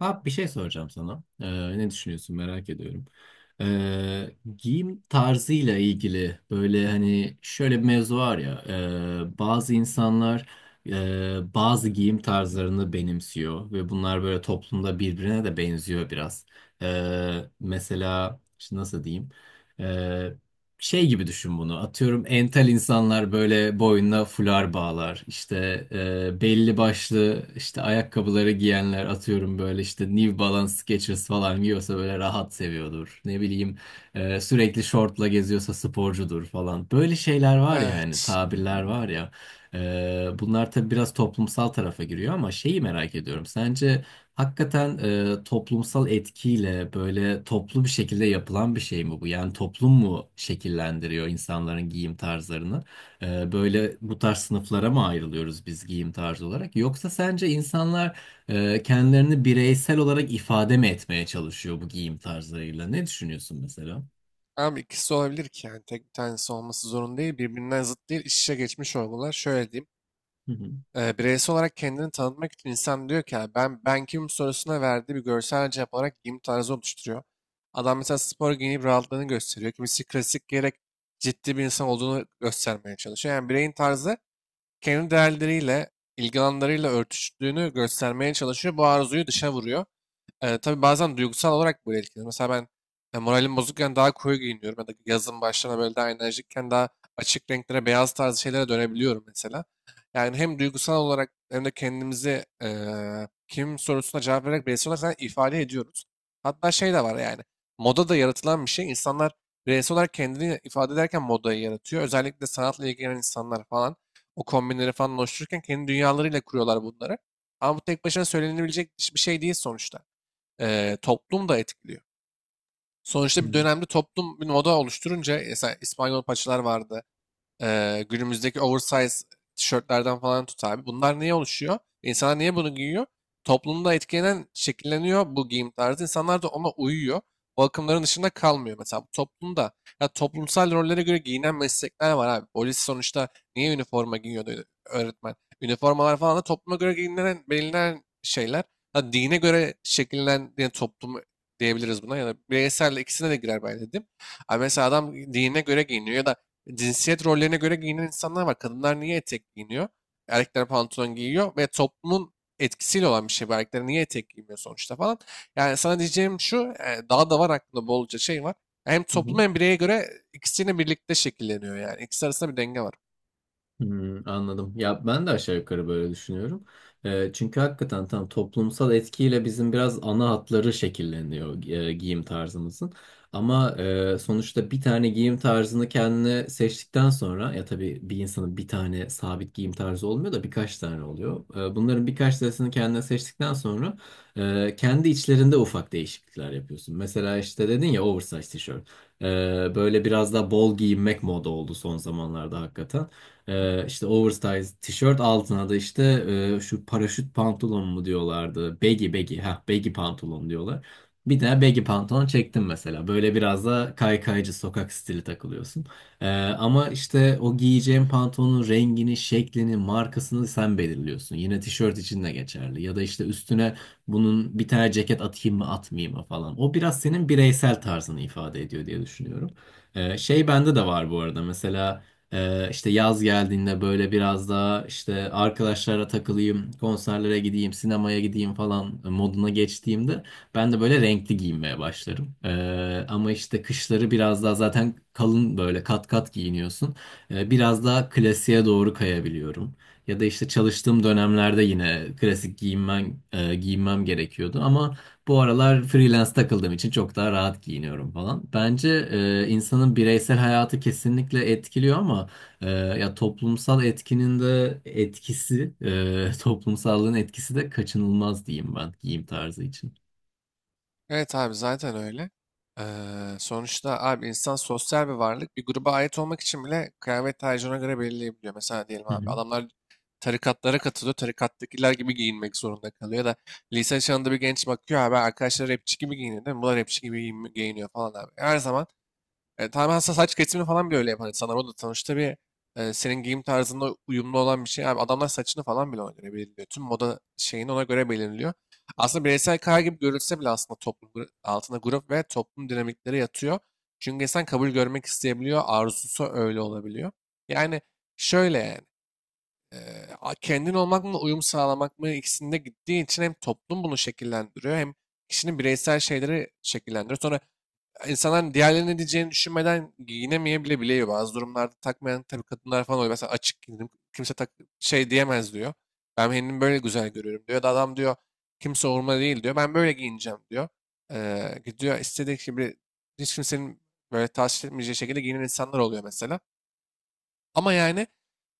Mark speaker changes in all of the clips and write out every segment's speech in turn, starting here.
Speaker 1: Abi bir şey soracağım sana. Ne düşünüyorsun merak ediyorum. Giyim tarzıyla ilgili böyle hani şöyle bir mevzu var ya. Bazı insanlar bazı giyim tarzlarını benimsiyor ve bunlar böyle toplumda birbirine de benziyor biraz. Mesela şimdi nasıl diyeyim? Ee, Şey gibi düşün bunu. Atıyorum entel insanlar böyle boynuna fular bağlar. İşte belli başlı işte ayakkabıları giyenler atıyorum böyle işte New Balance Skechers falan giyiyorsa böyle rahat seviyordur. Ne bileyim sürekli şortla geziyorsa sporcudur falan. Böyle şeyler var ya hani
Speaker 2: Evet.
Speaker 1: tabirler var ya. Bunlar tabii biraz toplumsal tarafa giriyor ama şeyi merak ediyorum. Sence hakikaten toplumsal etkiyle böyle toplu bir şekilde yapılan bir şey mi bu? Yani toplum mu şekillendiriyor insanların giyim tarzlarını? Böyle bu tarz sınıflara mı ayrılıyoruz biz giyim tarzı olarak? Yoksa sence insanlar kendilerini bireysel olarak ifade mi etmeye çalışıyor bu giyim tarzlarıyla? Ne düşünüyorsun mesela?
Speaker 2: Ama ikisi olabilir ki yani tek bir tanesi olması zorunda değil. Birbirinden zıt değil. İç içe geçmiş olmalar. Şöyle diyeyim.
Speaker 1: Hı hı.
Speaker 2: Bireysel olarak kendini tanıtmak için insan diyor ki "Yani ben kim sorusuna verdiği bir görsel cevap olarak giyim tarzı oluşturuyor. Adam mesela spor giyinip rahatlığını gösteriyor. Kimisi klasik giyerek ciddi bir insan olduğunu göstermeye çalışıyor. Yani bireyin tarzı kendi değerleriyle, ilgi alanlarıyla örtüştüğünü göstermeye çalışıyor. Bu arzuyu dışa vuruyor. Tabii bazen duygusal olarak böyle etkilenir. Mesela ben moralim bozukken daha koyu giyiniyorum ya da yazın başlarına böyle daha enerjikken daha açık renklere, beyaz tarzı şeylere dönebiliyorum mesela. Yani hem duygusal olarak hem de kendimizi kim sorusuna cevap vererek bireysel olarak zaten ifade ediyoruz. Hatta şey de var yani moda da yaratılan bir şey. İnsanlar bireysel olarak kendini ifade ederken modayı yaratıyor. Özellikle sanatla ilgilenen insanlar falan o kombinleri falan oluştururken kendi dünyalarıyla kuruyorlar bunları. Ama bu tek başına söylenebilecek bir şey değil sonuçta toplum da etkiliyor.
Speaker 1: Hı
Speaker 2: Sonuçta bir
Speaker 1: hı.
Speaker 2: dönemde toplum bir moda oluşturunca mesela İspanyol paçalar vardı. Günümüzdeki oversize tişörtlerden falan tut abi. Bunlar niye oluşuyor? İnsanlar niye bunu giyiyor? Toplumda etkilenen, şekilleniyor bu giyim tarzı. İnsanlar da ona uyuyor. O akımların dışında kalmıyor. Mesela bu toplumda ya toplumsal rollere göre giyinen meslekler var abi. Polis sonuçta niye üniforma giyiyordu öğretmen? Üniformalar falan da topluma göre giyinen, belirlenen şeyler. Ha, dine göre şekillenen yani toplum diyebiliriz buna ya da bireysel ikisine de girer ben dedim. Abi mesela adam dine göre giyiniyor ya da cinsiyet rollerine göre giyinen insanlar var. Kadınlar niye etek giyiniyor? Erkekler pantolon giyiyor ve toplumun etkisiyle olan bir şey bu. Erkekler niye etek giymiyor sonuçta falan. Yani sana diyeceğim şu, daha da var aklımda bolca şey var. Hem
Speaker 1: Hı
Speaker 2: toplum
Speaker 1: hı.
Speaker 2: hem bireye göre ikisini birlikte şekilleniyor yani. İkisi arasında bir denge var.
Speaker 1: Hmm, anladım. Ya ben de aşağı yukarı böyle düşünüyorum. Çünkü hakikaten tam toplumsal etkiyle bizim biraz ana hatları şekilleniyor giyim tarzımızın. Ama sonuçta bir tane giyim tarzını kendine seçtikten sonra ya tabii bir insanın bir tane sabit giyim tarzı olmuyor da birkaç tane oluyor. Bunların birkaç tanesini kendine seçtikten sonra kendi içlerinde ufak değişiklikler yapıyorsun. Mesela işte dedin ya oversize tişört. E, Böyle biraz daha bol giyinmek moda oldu son zamanlarda hakikaten. İşte oversize tişört altına da işte şu paraşüt pantolon mu diyorlardı. Baggy baggy ha baggy pantolon diyorlar. Bir de baggy pantolon çektim mesela. Böyle biraz da kaykaycı sokak stili takılıyorsun. Ama işte o giyeceğin pantolonun rengini, şeklini, markasını sen belirliyorsun. Yine tişört için de geçerli. Ya da işte üstüne bunun bir tane ceket atayım mı atmayayım mı falan. O biraz senin bireysel tarzını ifade ediyor diye düşünüyorum. Şey bende de var bu arada. Mesela işte yaz geldiğinde böyle biraz daha işte arkadaşlara takılayım, konserlere gideyim, sinemaya gideyim falan moduna geçtiğimde ben de böyle renkli giyinmeye başlarım. Ama işte kışları biraz daha zaten kalın böyle kat kat giyiniyorsun. Biraz daha klasiğe doğru kayabiliyorum. Ya da işte çalıştığım dönemlerde yine klasik giyinmem gerekiyordu ama bu aralar freelance takıldığım için çok daha rahat giyiniyorum falan. Bence insanın bireysel hayatı kesinlikle etkiliyor ama ya toplumsal etkinin de toplumsallığın etkisi de kaçınılmaz diyeyim ben giyim tarzı için.
Speaker 2: Evet abi zaten öyle. Eee, Sonuçta abi insan sosyal bir varlık. Bir gruba ait olmak için bile kıyafet tercihine göre belirleyebiliyor. Mesela diyelim
Speaker 1: Hı
Speaker 2: abi
Speaker 1: hı.
Speaker 2: adamlar tarikatlara katılıyor. Tarikattakiler gibi giyinmek zorunda kalıyor. Ya da lise çağında bir genç bakıyor abi arkadaşlar rapçi gibi giyiniyor değil mi? Bunlar rapçi gibi giyiniyor falan abi. Her zaman tamamen saç kesimini falan bile öyle yapan insanlar. O da sonuçta bir senin giyim tarzında uyumlu olan bir şey. Abi adamlar saçını falan bile ona göre belirliyor. Tüm moda şeyini ona göre belirliyor. Aslında bireysel karar gibi görülse bile aslında toplum altında grup ve toplum dinamikleri yatıyor. Çünkü insan kabul görmek isteyebiliyor. Arzusu öyle olabiliyor. Yani şöyle yani. e, Kendin olmak mı uyum sağlamak mı ikisinde gittiği için hem toplum bunu şekillendiriyor hem kişinin bireysel şeyleri şekillendiriyor. Sonra insanlar diğerlerinin ne diyeceğini düşünmeden giyinemeye bile biliyor. Bazı durumlarda takmayan tabii kadınlar falan oluyor. Mesela açık giyindim. Kimse tak şey diyemez diyor. Ben kendimi böyle güzel görüyorum diyor. Da adam diyor kimse umurumda değil diyor. Ben böyle giyineceğim diyor. Gidiyor istediği gibi hiç kimsenin böyle tahsis etmeyeceği şekilde giyinen insanlar oluyor mesela. Ama yani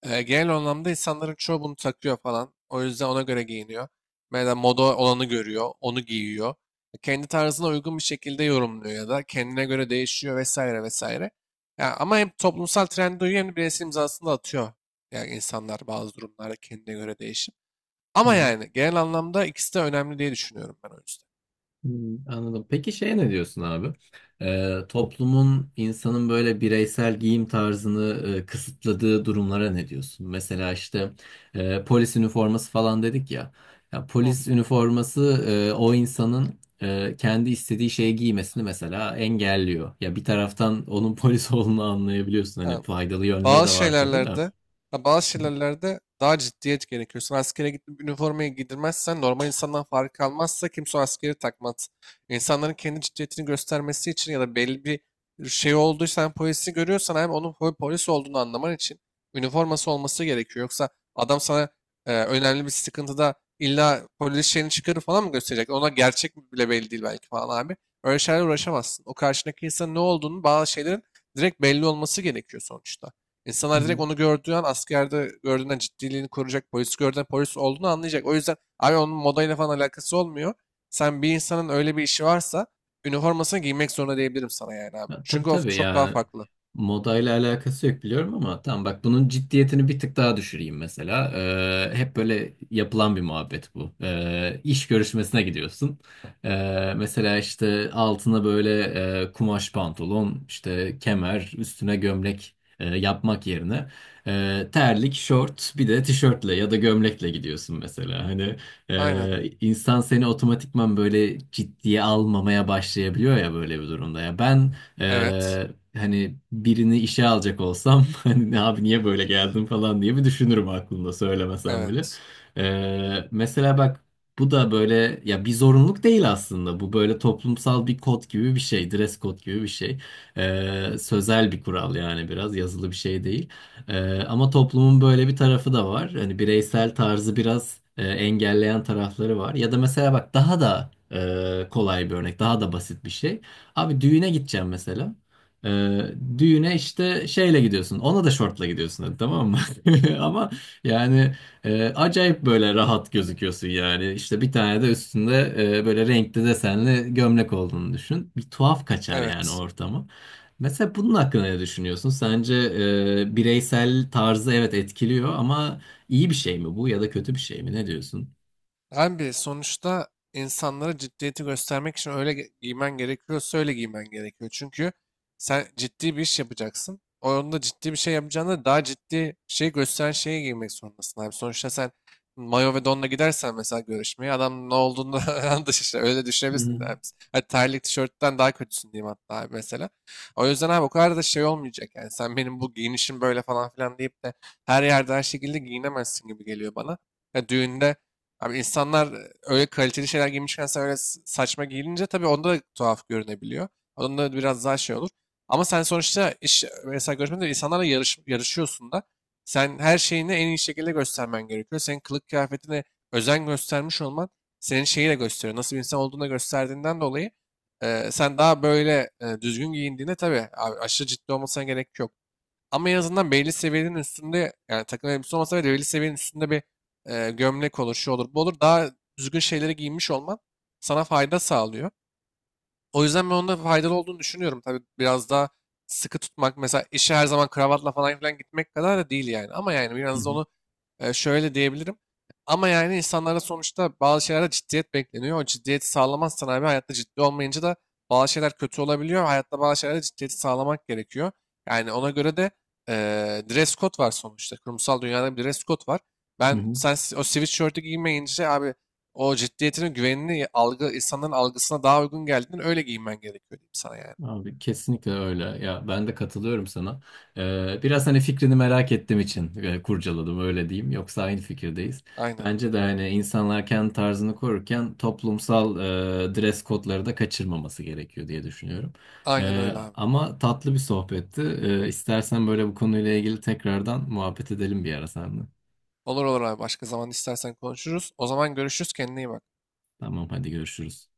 Speaker 2: genel anlamda insanların çoğu bunu takıyor falan. O yüzden ona göre giyiniyor. Mesela moda olanı görüyor, onu giyiyor. Kendi tarzına uygun bir şekilde yorumluyor ya da kendine göre değişiyor vesaire vesaire. Ya ama hem toplumsal trende uyuyor hem de bireysel imzasını da atıyor. Yani insanlar bazı durumlarda kendine göre değişir.
Speaker 1: Hı
Speaker 2: Ama
Speaker 1: hı.
Speaker 2: yani genel anlamda ikisi de önemli diye düşünüyorum ben o yüzden.
Speaker 1: Hmm, anladım. Peki şeye ne diyorsun abi? Toplumun insanın böyle bireysel giyim tarzını kısıtladığı durumlara ne diyorsun? Mesela işte polis üniforması falan dedik ya. Ya
Speaker 2: Hı,
Speaker 1: polis üniforması o insanın kendi istediği şeyi giymesini mesela engelliyor. Ya bir taraftan onun polis olduğunu anlayabiliyorsun.
Speaker 2: ha,
Speaker 1: Hani faydalı yönleri de
Speaker 2: bazı
Speaker 1: var tabii de.
Speaker 2: şeylerlerde, ha, bazı
Speaker 1: Hı hı.
Speaker 2: şeylerlerde daha ciddiyet gerekiyor. Sen askere gidip üniformayı giydirmezsen normal insandan fark kalmazsa kimse o askeri takmaz. İnsanların kendi ciddiyetini göstermesi için ya da belli bir şey olduysa sen polisi görüyorsan hem onun polis olduğunu anlaman için üniforması olması gerekiyor. Yoksa adam sana önemli bir sıkıntıda illa polis şeyini çıkarır falan mı gösterecek? Ona gerçek mi bile belli değil belki falan abi. Öyle şeylerle uğraşamazsın. O karşındaki insanın ne olduğunu bazı şeylerin direkt belli olması gerekiyor sonuçta.
Speaker 1: Hı
Speaker 2: İnsanlar
Speaker 1: hı.
Speaker 2: direkt onu gördüğü an askerde gördüğünden ciddiliğini koruyacak. Polis gördüğünden polis olduğunu anlayacak. O yüzden abi onun modayla falan alakası olmuyor. Sen bir insanın öyle bir işi varsa üniformasını giymek zorunda diyebilirim sana yani abi.
Speaker 1: Ya, tabii
Speaker 2: Çünkü o
Speaker 1: tabii
Speaker 2: çok daha
Speaker 1: yani
Speaker 2: farklı.
Speaker 1: modayla alakası yok biliyorum ama tamam bak bunun ciddiyetini bir tık daha düşüreyim mesela. Hep böyle yapılan bir muhabbet bu. İş görüşmesine gidiyorsun. Mesela işte altına böyle kumaş pantolon, işte kemer, üstüne gömlek yapmak yerine terlik, şort, bir de tişörtle ya da gömlekle gidiyorsun mesela. Hani
Speaker 2: Aynen.
Speaker 1: insan seni otomatikman böyle ciddiye almamaya başlayabiliyor ya böyle bir durumda. Ya ben
Speaker 2: Evet.
Speaker 1: ee, hani birini işe alacak olsam hani "Ne abi niye böyle geldin falan diye bir düşünürüm aklımda söylemesem bile.
Speaker 2: Evet.
Speaker 1: Mesela bak bu da böyle ya bir zorunluluk değil aslında. Bu böyle toplumsal bir kod gibi bir şey, dress code gibi bir şey. Sözel bir kural yani biraz yazılı bir şey değil. Ama toplumun böyle bir tarafı da var. Hani bireysel tarzı biraz engelleyen tarafları var. Ya da mesela bak daha da kolay bir örnek, daha da basit bir şey. Abi düğüne gideceğim mesela. Ee, Düğüne işte şeyle gidiyorsun. Ona da şortla gidiyorsun hadi tamam mı? Ama yani acayip böyle rahat gözüküyorsun yani. İşte bir tane de üstünde böyle renkli desenli gömlek olduğunu düşün. Bir tuhaf kaçar yani
Speaker 2: Evet.
Speaker 1: ortamı. Mesela bunun hakkında ne düşünüyorsun? Sence bireysel tarzı evet etkiliyor ama iyi bir şey mi bu ya da kötü bir şey mi? Ne diyorsun?
Speaker 2: Abi sonuçta insanlara ciddiyeti göstermek için öyle giymen gerekiyorsa öyle giymen gerekiyor. Çünkü sen ciddi bir iş yapacaksın. Onda ciddi bir şey yapacağına daha ciddi bir şey gösteren şeyi giymek zorundasın abi. Sonuçta sen mayo ve donla gidersen mesela görüşmeye adam ne olduğunu yanlış işte öyle
Speaker 1: Hı
Speaker 2: düşünebilirsin
Speaker 1: hı.
Speaker 2: abi. Hadi terlik tişörtten daha kötüsün diyeyim hatta abi mesela. O yüzden abi o kadar da şey olmayacak yani sen benim bu giyinişim böyle falan filan deyip de her yerde her şekilde giyinemezsin gibi geliyor bana. Ya düğünde abi insanlar öyle kaliteli şeyler giymişken sen öyle saçma giyilince tabii onda da tuhaf görünebiliyor. Onda da biraz daha şey olur. Ama sen sonuçta iş, mesela görüşmede insanlarla yarış, yarışıyorsun da sen her şeyini en iyi şekilde göstermen gerekiyor. Senin kılık kıyafetine özen göstermiş olman senin şeyi de gösteriyor. Nasıl bir insan olduğunu da gösterdiğinden dolayı sen daha böyle düzgün giyindiğinde tabii abi, aşırı ciddi olmasına gerek yok. Ama en azından belli seviyenin üstünde yani takım elbise olmasa bile belli seviyenin üstünde bir gömlek olur, şu olur, bu olur. Daha düzgün şeyleri giymiş olman sana fayda sağlıyor. O yüzden ben onda faydalı olduğunu düşünüyorum. Tabii biraz daha sıkı tutmak mesela işe her zaman kravatla falan filan gitmek kadar da değil yani. Ama yani
Speaker 1: Hı
Speaker 2: biraz da
Speaker 1: hı.
Speaker 2: onu şöyle diyebilirim. Ama yani insanlarda sonuçta bazı şeylerde ciddiyet bekleniyor. O ciddiyeti sağlamazsan abi hayatta ciddi olmayınca da bazı şeyler kötü olabiliyor. Hayatta bazı şeylerde ciddiyeti sağlamak gerekiyor. Yani ona göre de e, dress code var sonuçta. Kurumsal dünyada bir dress code var.
Speaker 1: Hı
Speaker 2: Ben
Speaker 1: hı.
Speaker 2: sen o sweatshirt'ü giymeyince abi o ciddiyetinin güvenini algı insanların algısına daha uygun geldiğinden öyle giyinmen gerekiyor diyeyim sana yani.
Speaker 1: Abi kesinlikle öyle. Ya ben de katılıyorum sana. Biraz hani fikrini merak ettiğim için kurcaladım öyle diyeyim. Yoksa aynı fikirdeyiz.
Speaker 2: Aynen.
Speaker 1: Bence de hani insanlar kendi tarzını korurken toplumsal dress kodları da kaçırmaması gerekiyor diye düşünüyorum.
Speaker 2: Aynen öyle abi.
Speaker 1: Ama tatlı bir sohbetti. İstersen böyle bu konuyla ilgili tekrardan muhabbet edelim bir ara seninle.
Speaker 2: Olur olur abi. Başka zaman istersen konuşuruz. O zaman görüşürüz. Kendine iyi bak.
Speaker 1: Tamam hadi görüşürüz.